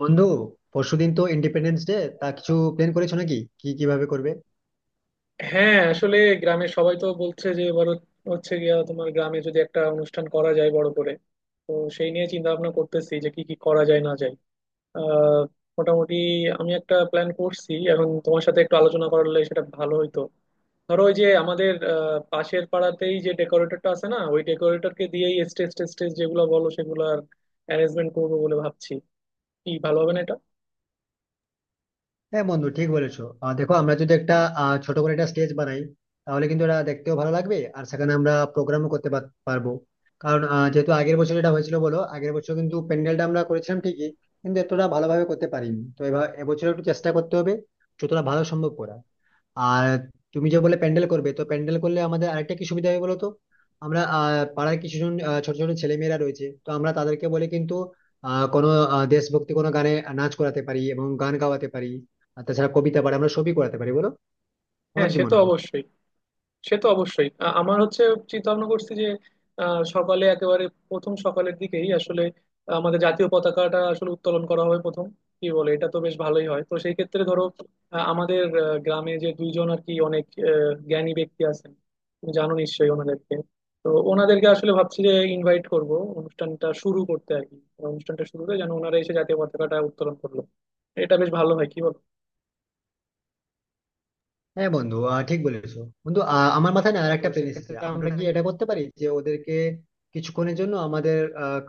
বন্ধু, পরশুদিন তো ইন্ডিপেন্ডেন্স ডে, তা কিছু প্ল্যান করেছো নাকি, কি কিভাবে করবে? হ্যাঁ, আসলে গ্রামে সবাই তো বলছে যে এবার হচ্ছে গিয়া তোমার গ্রামে যদি একটা অনুষ্ঠান করা যায় বড় করে। তো সেই নিয়ে চিন্তা ভাবনা করতেছি যে কি কি করা যায় না যায়। আহ মোটামুটি আমি একটা প্ল্যান করছি, এখন তোমার সাথে একটু আলোচনা করলে সেটা ভালো হইতো। ধরো ওই যে আমাদের পাশের পাড়াতেই যে ডেকোরেটরটা আছে না, ওই ডেকোরেটরকে দিয়েই স্টেজ টেস্টেজ যেগুলো বলো সেগুলোর অ্যারেঞ্জমেন্ট করবো বলে ভাবছি। কি, ভালো হবে না এটা? হ্যাঁ বন্ধু, ঠিক বলেছো। দেখো, আমরা যদি একটা ছোট করে একটা স্টেজ বানাই, তাহলে কিন্তু এটা দেখতেও ভালো লাগবে, আর সেখানে আমরা প্রোগ্রামও করতে পারবো। কারণ যেহেতু আগের বছর এটা হয়েছিল, বলো, আগের বছর কিন্তু প্যান্ডেলটা আমরা করেছিলাম ঠিকই, কিন্তু এতটা ভালোভাবে করতে পারিনি। তো এবার এবছর একটু চেষ্টা করতে হবে যতটা ভালো সম্ভব করা। আর তুমি যে বলে প্যান্ডেল করবে, তো প্যান্ডেল করলে আমাদের আরেকটা কি সুবিধা হবে বলো তো। আমরা পাড়ায় কিছুজন, ছোট ছোট ছেলেমেয়েরা রয়েছে, তো আমরা তাদেরকে বলে কিন্তু কোনো দেশভক্তি কোনো গানে নাচ করাতে পারি এবং গান গাওয়াতে পারি। আর তাছাড়া কবিতা পাঠ আমরা সবই করাতে পারি, বলো, হ্যাঁ, আমার কি সে তো মনে হয়। অবশ্যই। সে তো অবশ্যই। আমার হচ্ছে চিন্তা ভাবনা করছি যে আ, সকালে একেবারে প্রথম সকালের দিকেই আসলে আমাদের জাতীয় পতাকাটা আসলে উত্তোলন করা হবে প্রথম। কি বলে, এটা তো বেশ ভালোই হয়। তো সেই ক্ষেত্রে ধরো আমাদের গ্রামে যে দুইজন আর কি অনেক আ, জ্ঞানী ব্যক্তি আছেন, তুমি জানো নিশ্চয়ই ওনাদেরকে। তো ওনাদেরকে আসলে ভাবছি যে ইনভাইট করব অনুষ্ঠানটা শুরু করতে আর কি। অনুষ্ঠানটা শুরুতে যেন ওনারা এসে জাতীয় পতাকাটা উত্তোলন করলো। এটা বেশ ভালো হয়, কি বল? হ্যাঁ বন্ধু, ঠিক বলেছো। বন্ধু, আমার মাথায় না আরেকটা প্ল্যান এসেছে। সেক্ষেত্রে আমরা আমরা কি এটা করতে পারি যে ওদেরকে কিছুক্ষণের জন্য আমাদের আহ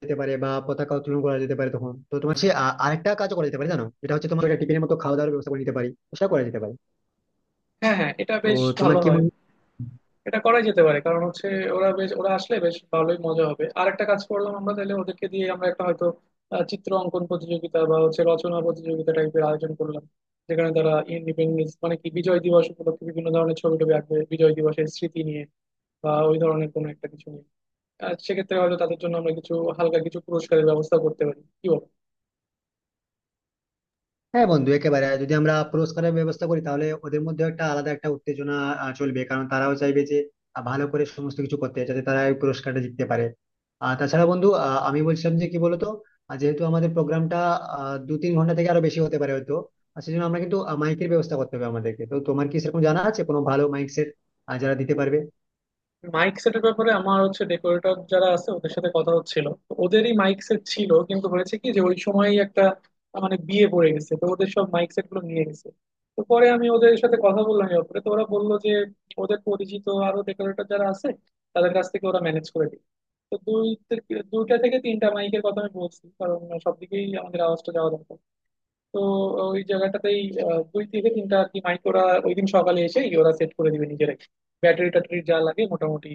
যেতে পারে বা পতাকা উত্তোলন করা যেতে পারে, তখন তো তোমার সে আরেকটা কাজ করা যেতে পারে জানো, যেটা হচ্ছে তোমার একটা টিফিনের মতো খাওয়া দাওয়ার ব্যবস্থা করে নিতে পারি। সেটা করা যেতে পারে। হ্যাঁ, হ্যাঁ, এটা তো বেশ তোমার ভালো কি হয়। মনে হয়? এটা করাই যেতে পারে, কারণ হচ্ছে ওরা বেশ, ওরা আসলে বেশ ভালোই মজা হবে। আর একটা কাজ করলাম আমরা তাহলে, ওদেরকে দিয়ে আমরা একটা হয়তো চিত্র অঙ্কন প্রতিযোগিতা বা হচ্ছে রচনা প্রতিযোগিতা টাইপের আয়োজন করলাম, যেখানে তারা ইন্ডিপেন্ডেন্স মানে কি বিজয় দিবস উপলক্ষে বিভিন্ন ধরনের ছবি টবি আঁকবে, বিজয় দিবসের স্মৃতি নিয়ে বা ওই ধরনের কোনো একটা কিছু নিয়ে। আর সেক্ষেত্রে হয়তো তাদের জন্য আমরা কিছু হালকা কিছু পুরস্কারের ব্যবস্থা করতে পারি, কি বল? হ্যাঁ বন্ধু, একেবারে, যদি আমরা পুরস্কারের ব্যবস্থা করি তাহলে ওদের মধ্যে একটা আলাদা একটা উত্তেজনা চলবে, কারণ তারাও চাইবে যে ভালো করে সমস্ত কিছু করতে, যাতে তারা এই পুরস্কারটা জিততে পারে। আর তাছাড়া বন্ধু, আমি বলছিলাম যে কি বলতো, যেহেতু আমাদের প্রোগ্রামটা 2-3 ঘন্টা থেকে আরো বেশি হতে পারে হয়তো। আর সেজন্য আমরা কিন্তু মাইকের ব্যবস্থা করতে হবে আমাদেরকে। তো তোমার কি সেরকম জানা আছে কোনো ভালো মাইক সেট যারা দিতে পারবে? মাইক সেটের ব্যাপারে আমার হচ্ছে, ডেকোরেটর যারা আছে ওদের সাথে কথা হচ্ছিল, তো ওদেরই মাইক সেট ছিল, কিন্তু হয়েছে কি যে ওই সময়ই একটা মানে বিয়ে পড়ে গেছে, তো ওদের সব মাইক সেট গুলো নিয়ে গেছে। তো পরে আমি ওদের সাথে কথা বললাম এই ব্যাপারে, তো ওরা বললো যে ওদের পরিচিত আরো ডেকোরেটর যারা আছে তাদের কাছ থেকে ওরা ম্যানেজ করে দিই। তো দুইটা থেকে তিনটা মাইকের কথা আমি বলছি, কারণ সবদিকেই আমাদের আওয়াজটা যাওয়া দরকার। তো ওই জায়গাটাতেই দুই থেকে তিনটা আর কি মাইক ওরা ওই দিন সকালে এসেই ওরা সেট করে দিবে নিজেরাই। ব্যাটারি ট্যাটারি যা লাগে মোটামুটি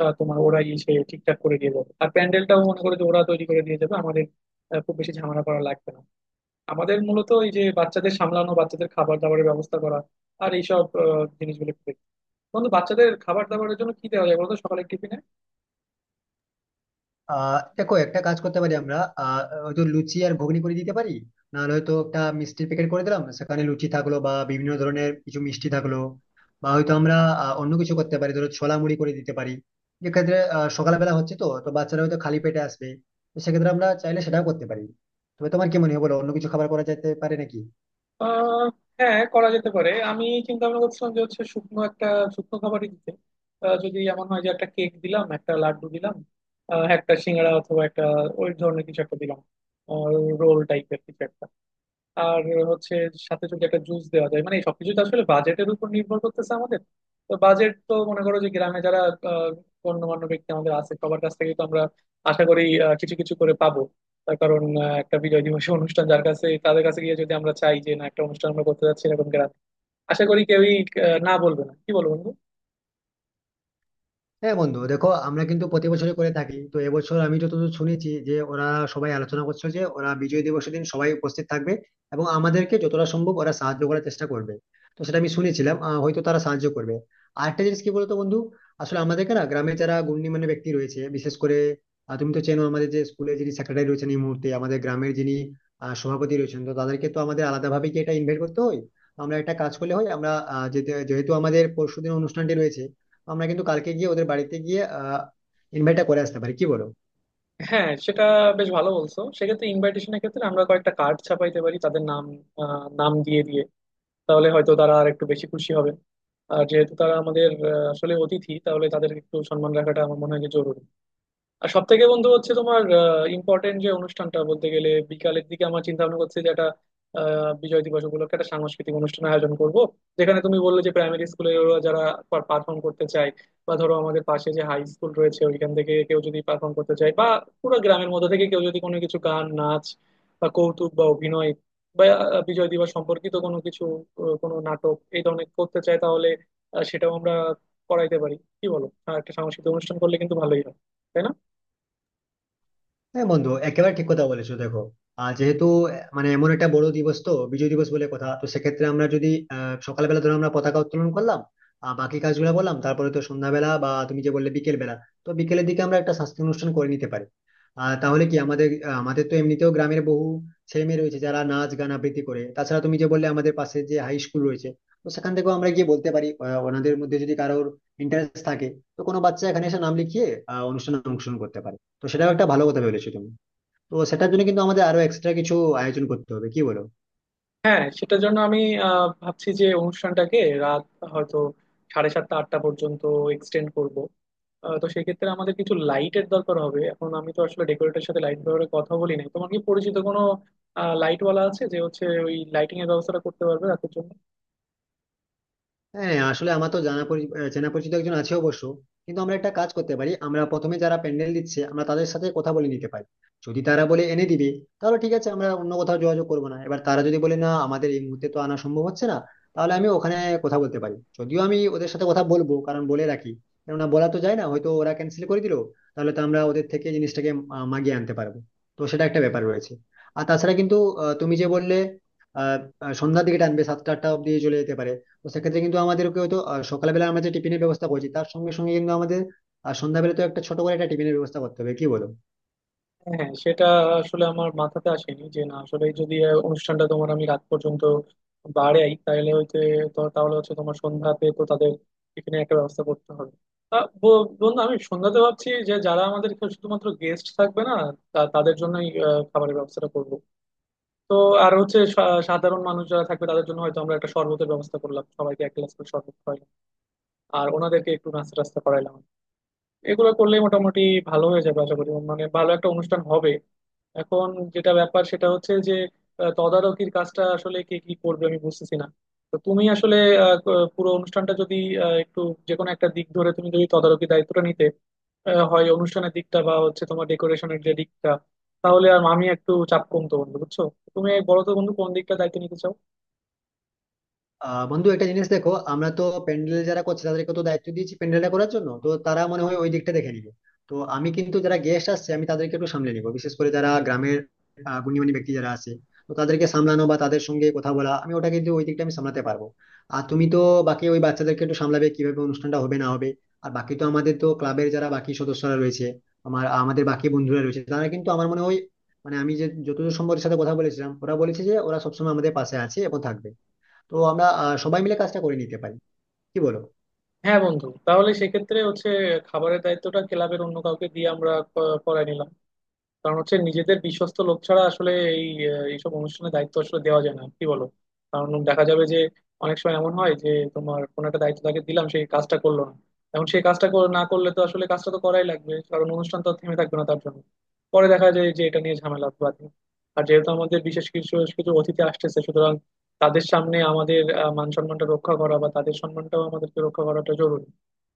তোমার ওরাই এসে ঠিকঠাক করে দিয়ে যাবে, আর প্যান্ডেলটাও মনে করে যে ওরা তৈরি করে দিয়ে যাবে আমাদের। খুব বেশি ঝামেলা করা লাগবে না। আমাদের মূলত এই যে বাচ্চাদের সামলানো, বাচ্চাদের খাবার দাবারের ব্যবস্থা করা, আর এইসব জিনিসগুলো একটু দেখতে। বন্ধু, বাচ্চাদের খাবার দাবারের জন্য কি দেওয়া যায় বলতো সকালের টিফিনে? দেখো, একটা কাজ করতে পারি আমরা। হয়তো লুচি আর ঘুগনি করে দিতে পারি। নাহলে হয়তো একটা মিষ্টির প্যাকেট করে দিলাম, সেখানে লুচি থাকলো বা বিভিন্ন ধরনের কিছু মিষ্টি থাকলো। বা হয়তো আমরা অন্য কিছু করতে পারি, ধরো ছোলা মুড়ি করে দিতে পারি। এক্ষেত্রে সকালবেলা হচ্ছে, তো তো বাচ্চারা হয়তো খালি পেটে আসবে, তো সেক্ষেত্রে আমরা চাইলে সেটাও করতে পারি। তবে তোমার কি মনে হয় বলো, অন্য কিছু খাবার করা যেতে পারে নাকি? আহ হ্যাঁ, করা যেতে পারে। আমি চিন্তা ভাবনা করছিলাম যে হচ্ছে শুকনো একটা, শুকনো খাবারই দিতে। যদি এমন হয় যে একটা কেক দিলাম, একটা লাড্ডু দিলাম, একটা সিঙ্গাড়া অথবা একটা ওই ধরনের কিছু একটা দিলাম, রোল টাইপের কিছু একটা। আর হচ্ছে সাথে যদি একটা জুস দেওয়া যায়, মানে এই সবকিছু তো আসলে বাজেটের উপর নির্ভর করতেছে আমাদের। তো বাজেট তো মনে করো যে গ্রামে যারা আহ, গণ্যমান্য ব্যক্তি আমাদের আছে সবার কাছ থেকে, তো আমরা আশা করি কিছু কিছু করে পাবো। তার কারণ একটা বিজয় দিবসের অনুষ্ঠান, যার কাছে, তাদের কাছে গিয়ে যদি আমরা চাই যে না একটা অনুষ্ঠান আমরা করতে যাচ্ছি এরকম গ্রামে, আশা করি কেউই না বলবে না, কি বলো বন্ধু? হ্যাঁ বন্ধু, দেখো, আমরা কিন্তু প্রতি বছরই করে থাকি। তো এবছর আমি যতদূর শুনেছি যে ওরা সবাই আলোচনা করছে, যে ওরা বিজয় দিবসের দিন সবাই উপস্থিত থাকবে, এবং আমাদেরকে যতটা সম্ভব ওরা সাহায্য করার চেষ্টা করবে। তো সেটা আমি শুনেছিলাম, হয়তো তারা সাহায্য করবে। আরেকটা জিনিস কি বলতো বন্ধু, আসলে আমাদেরকে না, গ্রামে যারা গণ্যমান্য ব্যক্তি রয়েছে, বিশেষ করে তুমি তো চেনো আমাদের যে স্কুলের যিনি সেক্রেটারি রয়েছেন, এই মুহূর্তে আমাদের গ্রামের যিনি সভাপতি রয়েছেন, তো তাদেরকে তো আমাদের আলাদাভাবে কি এটা ইনভাইট করতে হয়? আমরা একটা কাজ করলে হয়, আমরা যেহেতু আমাদের পরশুদিন অনুষ্ঠানটি রয়েছে, আমরা কিন্তু কালকে গিয়ে ওদের বাড়িতে গিয়ে ইনভাইটটা করে আসতে পারি, কি বলো? হ্যাঁ, সেটা বেশ ভালো বলছো। সেক্ষেত্রে ইনভাইটেশনের ক্ষেত্রে আমরা কয়েকটা কার্ড ছাপাইতে পারি তাদের নাম, নাম দিয়ে দিয়ে। তাহলে হয়তো তারা আর একটু বেশি খুশি হবে। আর যেহেতু তারা আমাদের আসলে অতিথি, তাহলে তাদের একটু সম্মান রাখাটা আমার মনে হয় যে জরুরি। আর সব থেকে বন্ধু হচ্ছে তোমার ইম্পর্টেন্ট যে অনুষ্ঠানটা বলতে গেলে বিকালের দিকে আমার চিন্তা ভাবনা করছে যে একটা বিজয় দিবস উপলক্ষে একটা সাংস্কৃতিক অনুষ্ঠান আয়োজন করব, যেখানে তুমি বললে যে প্রাইমারি স্কুলে ওরা যারা পারফর্ম করতে চায়, বা ধরো আমাদের পাশে যে হাই স্কুল রয়েছে ওইখান থেকে কেউ যদি পারফর্ম করতে চায়, বা পুরো গ্রামের মধ্যে থেকে কেউ যদি কোনো কিছু গান, নাচ বা কৌতুক বা অভিনয় বা বিজয় দিবস সম্পর্কিত কোনো কিছু, কোনো নাটক এই ধরনের করতে চায়, তাহলে সেটাও আমরা করাইতে পারি। কি বলো, আর একটা সাংস্কৃতিক অনুষ্ঠান করলে কিন্তু ভালোই হয়, তাই না? হ্যাঁ বন্ধু, একেবারে ঠিক কথা বলেছো। দেখো, যেহেতু মানে এমন একটা বড় দিবস তো বিজয় দিবস বলে কথা, তো সেক্ষেত্রে আমরা যদি সকালবেলা ধরো আমরা পতাকা উত্তোলন করলাম, বাকি কাজগুলো বললাম, তারপরে তো সন্ধ্যাবেলা, বা তুমি যে বললে বিকেল বেলা, তো বিকেলের দিকে আমরা একটা সাংস্কৃতিক অনুষ্ঠান করে নিতে পারি। তাহলে কি আমাদের, আমাদের তো এমনিতেও গ্রামের বহু ছেলে মেয়ে রয়েছে যারা নাচ গান আবৃত্তি করে। তাছাড়া তুমি যে বললে আমাদের পাশে যে হাই স্কুল রয়েছে, তো সেখান থেকেও আমরা গিয়ে বলতে পারি, ওনাদের মধ্যে যদি কারোর ইন্টারেস্ট থাকে, তো কোনো বাচ্চা এখানে এসে নাম লিখিয়ে অনুষ্ঠানে অংশগ্রহণ করতে পারে। তো সেটাও একটা ভালো কথা বলেছো তুমি। তো সেটার জন্য কিন্তু আমাদের আরো এক্সট্রা কিছু আয়োজন করতে হবে, কি বলো? হ্যাঁ, সেটার জন্য আমি ভাবছি যে অনুষ্ঠানটাকে রাত হয়তো সাড়ে সাতটা আটটা পর্যন্ত এক্সটেন্ড করব। তো সেক্ষেত্রে আমাদের কিছু লাইটের দরকার হবে। এখন আমি তো আসলে ডেকোরেটের সাথে লাইট ব্যবহারে কথা বলি নাই, তোমার কি পরিচিত কোনো লাইট ওয়ালা আছে যে হচ্ছে ওই লাইটিং এর ব্যবস্থাটা করতে পারবে রাতের জন্য? হ্যাঁ হ্যাঁ, আসলে আমার তো চেনা পরিচিত একজন আছে অবশ্য। কিন্তু আমরা একটা কাজ করতে পারি, আমরা প্রথমে যারা প্যান্ডেল দিচ্ছে আমরা তাদের সাথে কথা বলে নিতে পারি। যদি তারা বলে এনে দিবে, তাহলে ঠিক আছে, আমরা অন্য কোথাও যোগাযোগ করবো না। এবার তারা যদি বলে না আমাদের এই মুহূর্তে তো আনা সম্ভব হচ্ছে না, তাহলে আমি ওখানে কথা বলতে পারি। যদিও আমি ওদের সাথে কথা বলবো কারণ বলে রাখি, কেননা বলা তো যায় না, হয়তো ওরা ক্যান্সেল করে দিলো। তাহলে তো আমরা ওদের থেকে জিনিসটাকে মাগিয়ে আনতে পারবো। তো সেটা একটা ব্যাপার রয়েছে। আর তাছাড়া কিন্তু তুমি যে বললে, আহ আহ, সন্ধ্যার দিকে টানবে 7টা-8টা অব্দি চলে যেতে পারে। তো সেক্ষেত্রে কিন্তু আমাদেরকে হয়তো সকালবেলা আমরা যে টিফিনের ব্যবস্থা করছি তার সঙ্গে সঙ্গে কিন্তু আমাদের আর সন্ধ্যাবেলা তো একটা ছোট করে একটা টিফিনের ব্যবস্থা করতে হবে, কি বলো? হ্যাঁ, সেটা আসলে আমার মাথাতে আসেনি যে না, আসলে যদি অনুষ্ঠানটা তোমার আমি রাত পর্যন্ত বাড়াই তাহলে হয়তো, তাহলে হচ্ছে তোমার সন্ধ্যাতে তো তাদের এখানে একটা ব্যবস্থা করতে হবে। তা, বন্ধু, আমি সন্ধ্যাতে ভাবছি যে যারা আমাদের এখানে শুধুমাত্র গেস্ট থাকবে না, তাদের জন্যই খাবারের ব্যবস্থাটা করব। তো আর হচ্ছে সাধারণ মানুষ যারা থাকবে তাদের জন্য হয়তো আমরা একটা শরবতের ব্যবস্থা করলাম, সবাইকে এক গ্লাস করে শরবত খাওয়াইলাম, আর ওনাদেরকে একটু নাস্তা টাস্তা করাইলাম। এগুলো করলে মোটামুটি ভালো হয়ে যাবে আশা করি, মানে ভালো একটা অনুষ্ঠান হবে। এখন যেটা ব্যাপার সেটা হচ্ছে যে তদারকির কাজটা আসলে কে কি করবে আমি বুঝতেছি না। তো তুমি আসলে পুরো অনুষ্ঠানটা যদি একটু যে কোনো একটা দিক ধরে তুমি যদি তদারকি দায়িত্বটা নিতে, হয় অনুষ্ঠানের দিকটা বা হচ্ছে তোমার ডেকোরেশনের যে দিকটা, তাহলে আর আমি একটু চাপ কমতো বন্ধু, বুঝছো? তুমি বলো তো বন্ধু, কোন দিকটা দায়িত্ব নিতে চাও? বন্ধু, একটা জিনিস দেখো, আমরা তো প্যান্ডেল যারা করছে তাদেরকে তো দায়িত্ব দিয়েছি প্যান্ডেলটা করার জন্য, তো তারা মনে হয় ওই দিকটা দেখে নিবে। তো আমি কিন্তু যারা গেস্ট আসছে আমি তাদেরকে একটু সামলে নিবো, বিশেষ করে যারা গ্রামের গুণীমানী ব্যক্তি যারা আছে, তো তাদেরকে সামলানো বা তাদের সঙ্গে কথা বলা, আমি ওটা কিন্তু ওই দিকটা আমি সামলাতে পারবো। আর তুমি তো বাকি ওই বাচ্চাদেরকে একটু সামলাবে, কিভাবে অনুষ্ঠানটা হবে না হবে। আর বাকি তো আমাদের তো ক্লাবের যারা বাকি সদস্যরা রয়েছে, আমাদের বাকি বন্ধুরা রয়েছে, তারা কিন্তু আমার মনে হয়, মানে আমি যে যতদূর সম্ভবের সাথে কথা বলেছিলাম, ওরা বলেছে যে ওরা সবসময় আমাদের পাশে আছে এবং থাকবে। তো আমরা সবাই মিলে কাজটা করে নিতে পারি, কি বলো? হ্যাঁ বন্ধু, তাহলে সেক্ষেত্রে হচ্ছে খাবারের দায়িত্বটা ক্লাবের অন্য কাউকে দিয়ে আমরা করায় নিলাম। কারণ হচ্ছে নিজেদের বিশ্বস্ত লোক ছাড়া আসলে এই এইসব অনুষ্ঠানে দায়িত্ব আসলে দেওয়া যায় না, কি বলো? কারণ দেখা যাবে যে অনেক সময় এমন হয় যে তোমার কোনো একটা দায়িত্ব তাকে দিলাম, সেই কাজটা করলো না। এখন সেই কাজটা না করলে তো আসলে কাজটা তো করাই লাগবে, কারণ অনুষ্ঠান তো আর থেমে থাকবে না তার জন্য। পরে দেখা যায় যে এটা নিয়ে ঝামেলা বাধে। আর যেহেতু আমাদের বিশেষ কিছু, কিছু অতিথি আসতেছে, সুতরাং তাদের সামনে আমাদের মান সম্মানটা রক্ষা করা বা তাদের সম্মানটাও আমাদেরকে রক্ষা করাটা জরুরি।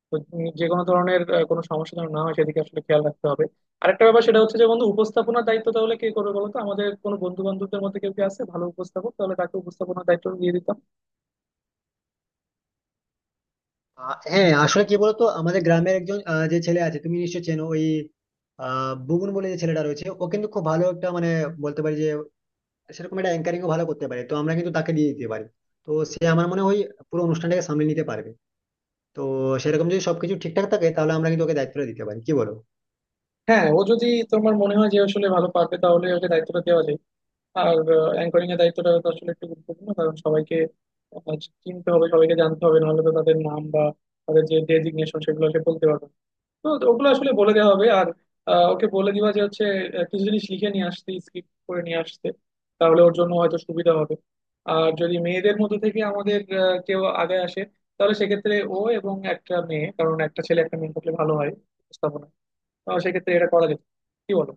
তো যে কোনো ধরনের কোনো সমস্যা যেন না হয় সেদিকে আসলে খেয়াল রাখতে হবে। আরেকটা ব্যাপার, সেটা হচ্ছে যে বন্ধু, উপস্থাপনার দায়িত্ব তাহলে কে করবে বলো তো? আমাদের কোনো বন্ধু বান্ধবদের মধ্যে কেউ কি আছে ভালো উপস্থাপক, তাহলে তাকে উপস্থাপনার দায়িত্ব দিয়ে দিতাম। হ্যাঁ, আসলে কি বলতো, আমাদের গ্রামের একজন, যে ছেলে আছে তুমি নিশ্চয় চেনো, ওই বুবুন বলে যে ছেলেটা রয়েছে, ও কিন্তু খুব ভালো একটা, মানে বলতে পারি যে সেরকম, একটা অ্যাঙ্কারিং ভালো করতে পারে, তো আমরা কিন্তু তাকে দিয়ে দিতে পারি। তো সে আমার মনে হয় পুরো অনুষ্ঠানটাকে সামলে নিতে পারবে। তো সেরকম যদি সবকিছু ঠিকঠাক থাকে, তাহলে আমরা কিন্তু ওকে দায়িত্বটা দিতে পারি, কি বলো? হ্যাঁ, ও যদি তোমার মনে হয় যে আসলে ভালো পারবে, তাহলে ওকে দায়িত্বটা দেওয়া যায়। আর অ্যাঙ্করিং এর দায়িত্বটা তো আসলে একটু গুরুত্বপূর্ণ, কারণ সবাইকে আহ, চিনতে হবে, সবাইকে জানতে হবে, নাহলে তো তাদের নাম বা তাদের যে ডেজিগনেশন সেগুলো সে বলতে পারবে না। তো ওগুলো আসলে বলে দেওয়া হবে। আর ওকে বলে দিবা যে হচ্ছে কিছু জিনিস লিখে নিয়ে আসতে, স্ক্রিপ্ট করে নিয়ে আসতে, তাহলে ওর জন্য হয়তো সুবিধা হবে। আর যদি মেয়েদের মধ্যে থেকে আমাদের কেউ আগে আসে, তাহলে সেক্ষেত্রে ও এবং একটা মেয়ে, কারণ একটা ছেলে একটা মেয়ে থাকলে ভালো হয় উপস্থাপনা, তো সেক্ষেত্রে এটা করা যেত, কি বলো?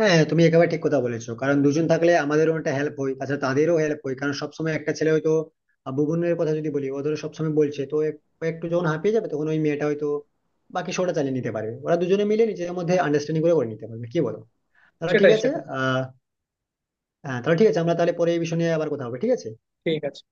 হ্যাঁ তুমি একেবারে ঠিক কথা বলেছো, কারণ দুজন থাকলে আমাদেরও একটা হেল্প হয়, তাছাড়া তাদেরও হেল্প হয়। কারণ সবসময় একটা ছেলে হয়তো, বুবনের কথা যদি বলি, ও ধরো সবসময় বলছে, তো ও একটু যখন হাঁপিয়ে যাবে, তখন ওই মেয়েটা হয়তো বাকি শোটা চালিয়ে নিতে পারবে। ওরা দুজনে মিলে নিজের মধ্যে আন্ডারস্ট্যান্ডিং করে করে নিতে পারবে, কি বলো? তাহলে ঠিক সেটাই, আছে। সেটাই। আহ হ্যাঁ, তাহলে ঠিক আছে। আমরা তাহলে পরে এই বিষয় নিয়ে আবার কথা হবে, ঠিক আছে। ঠিক আছে।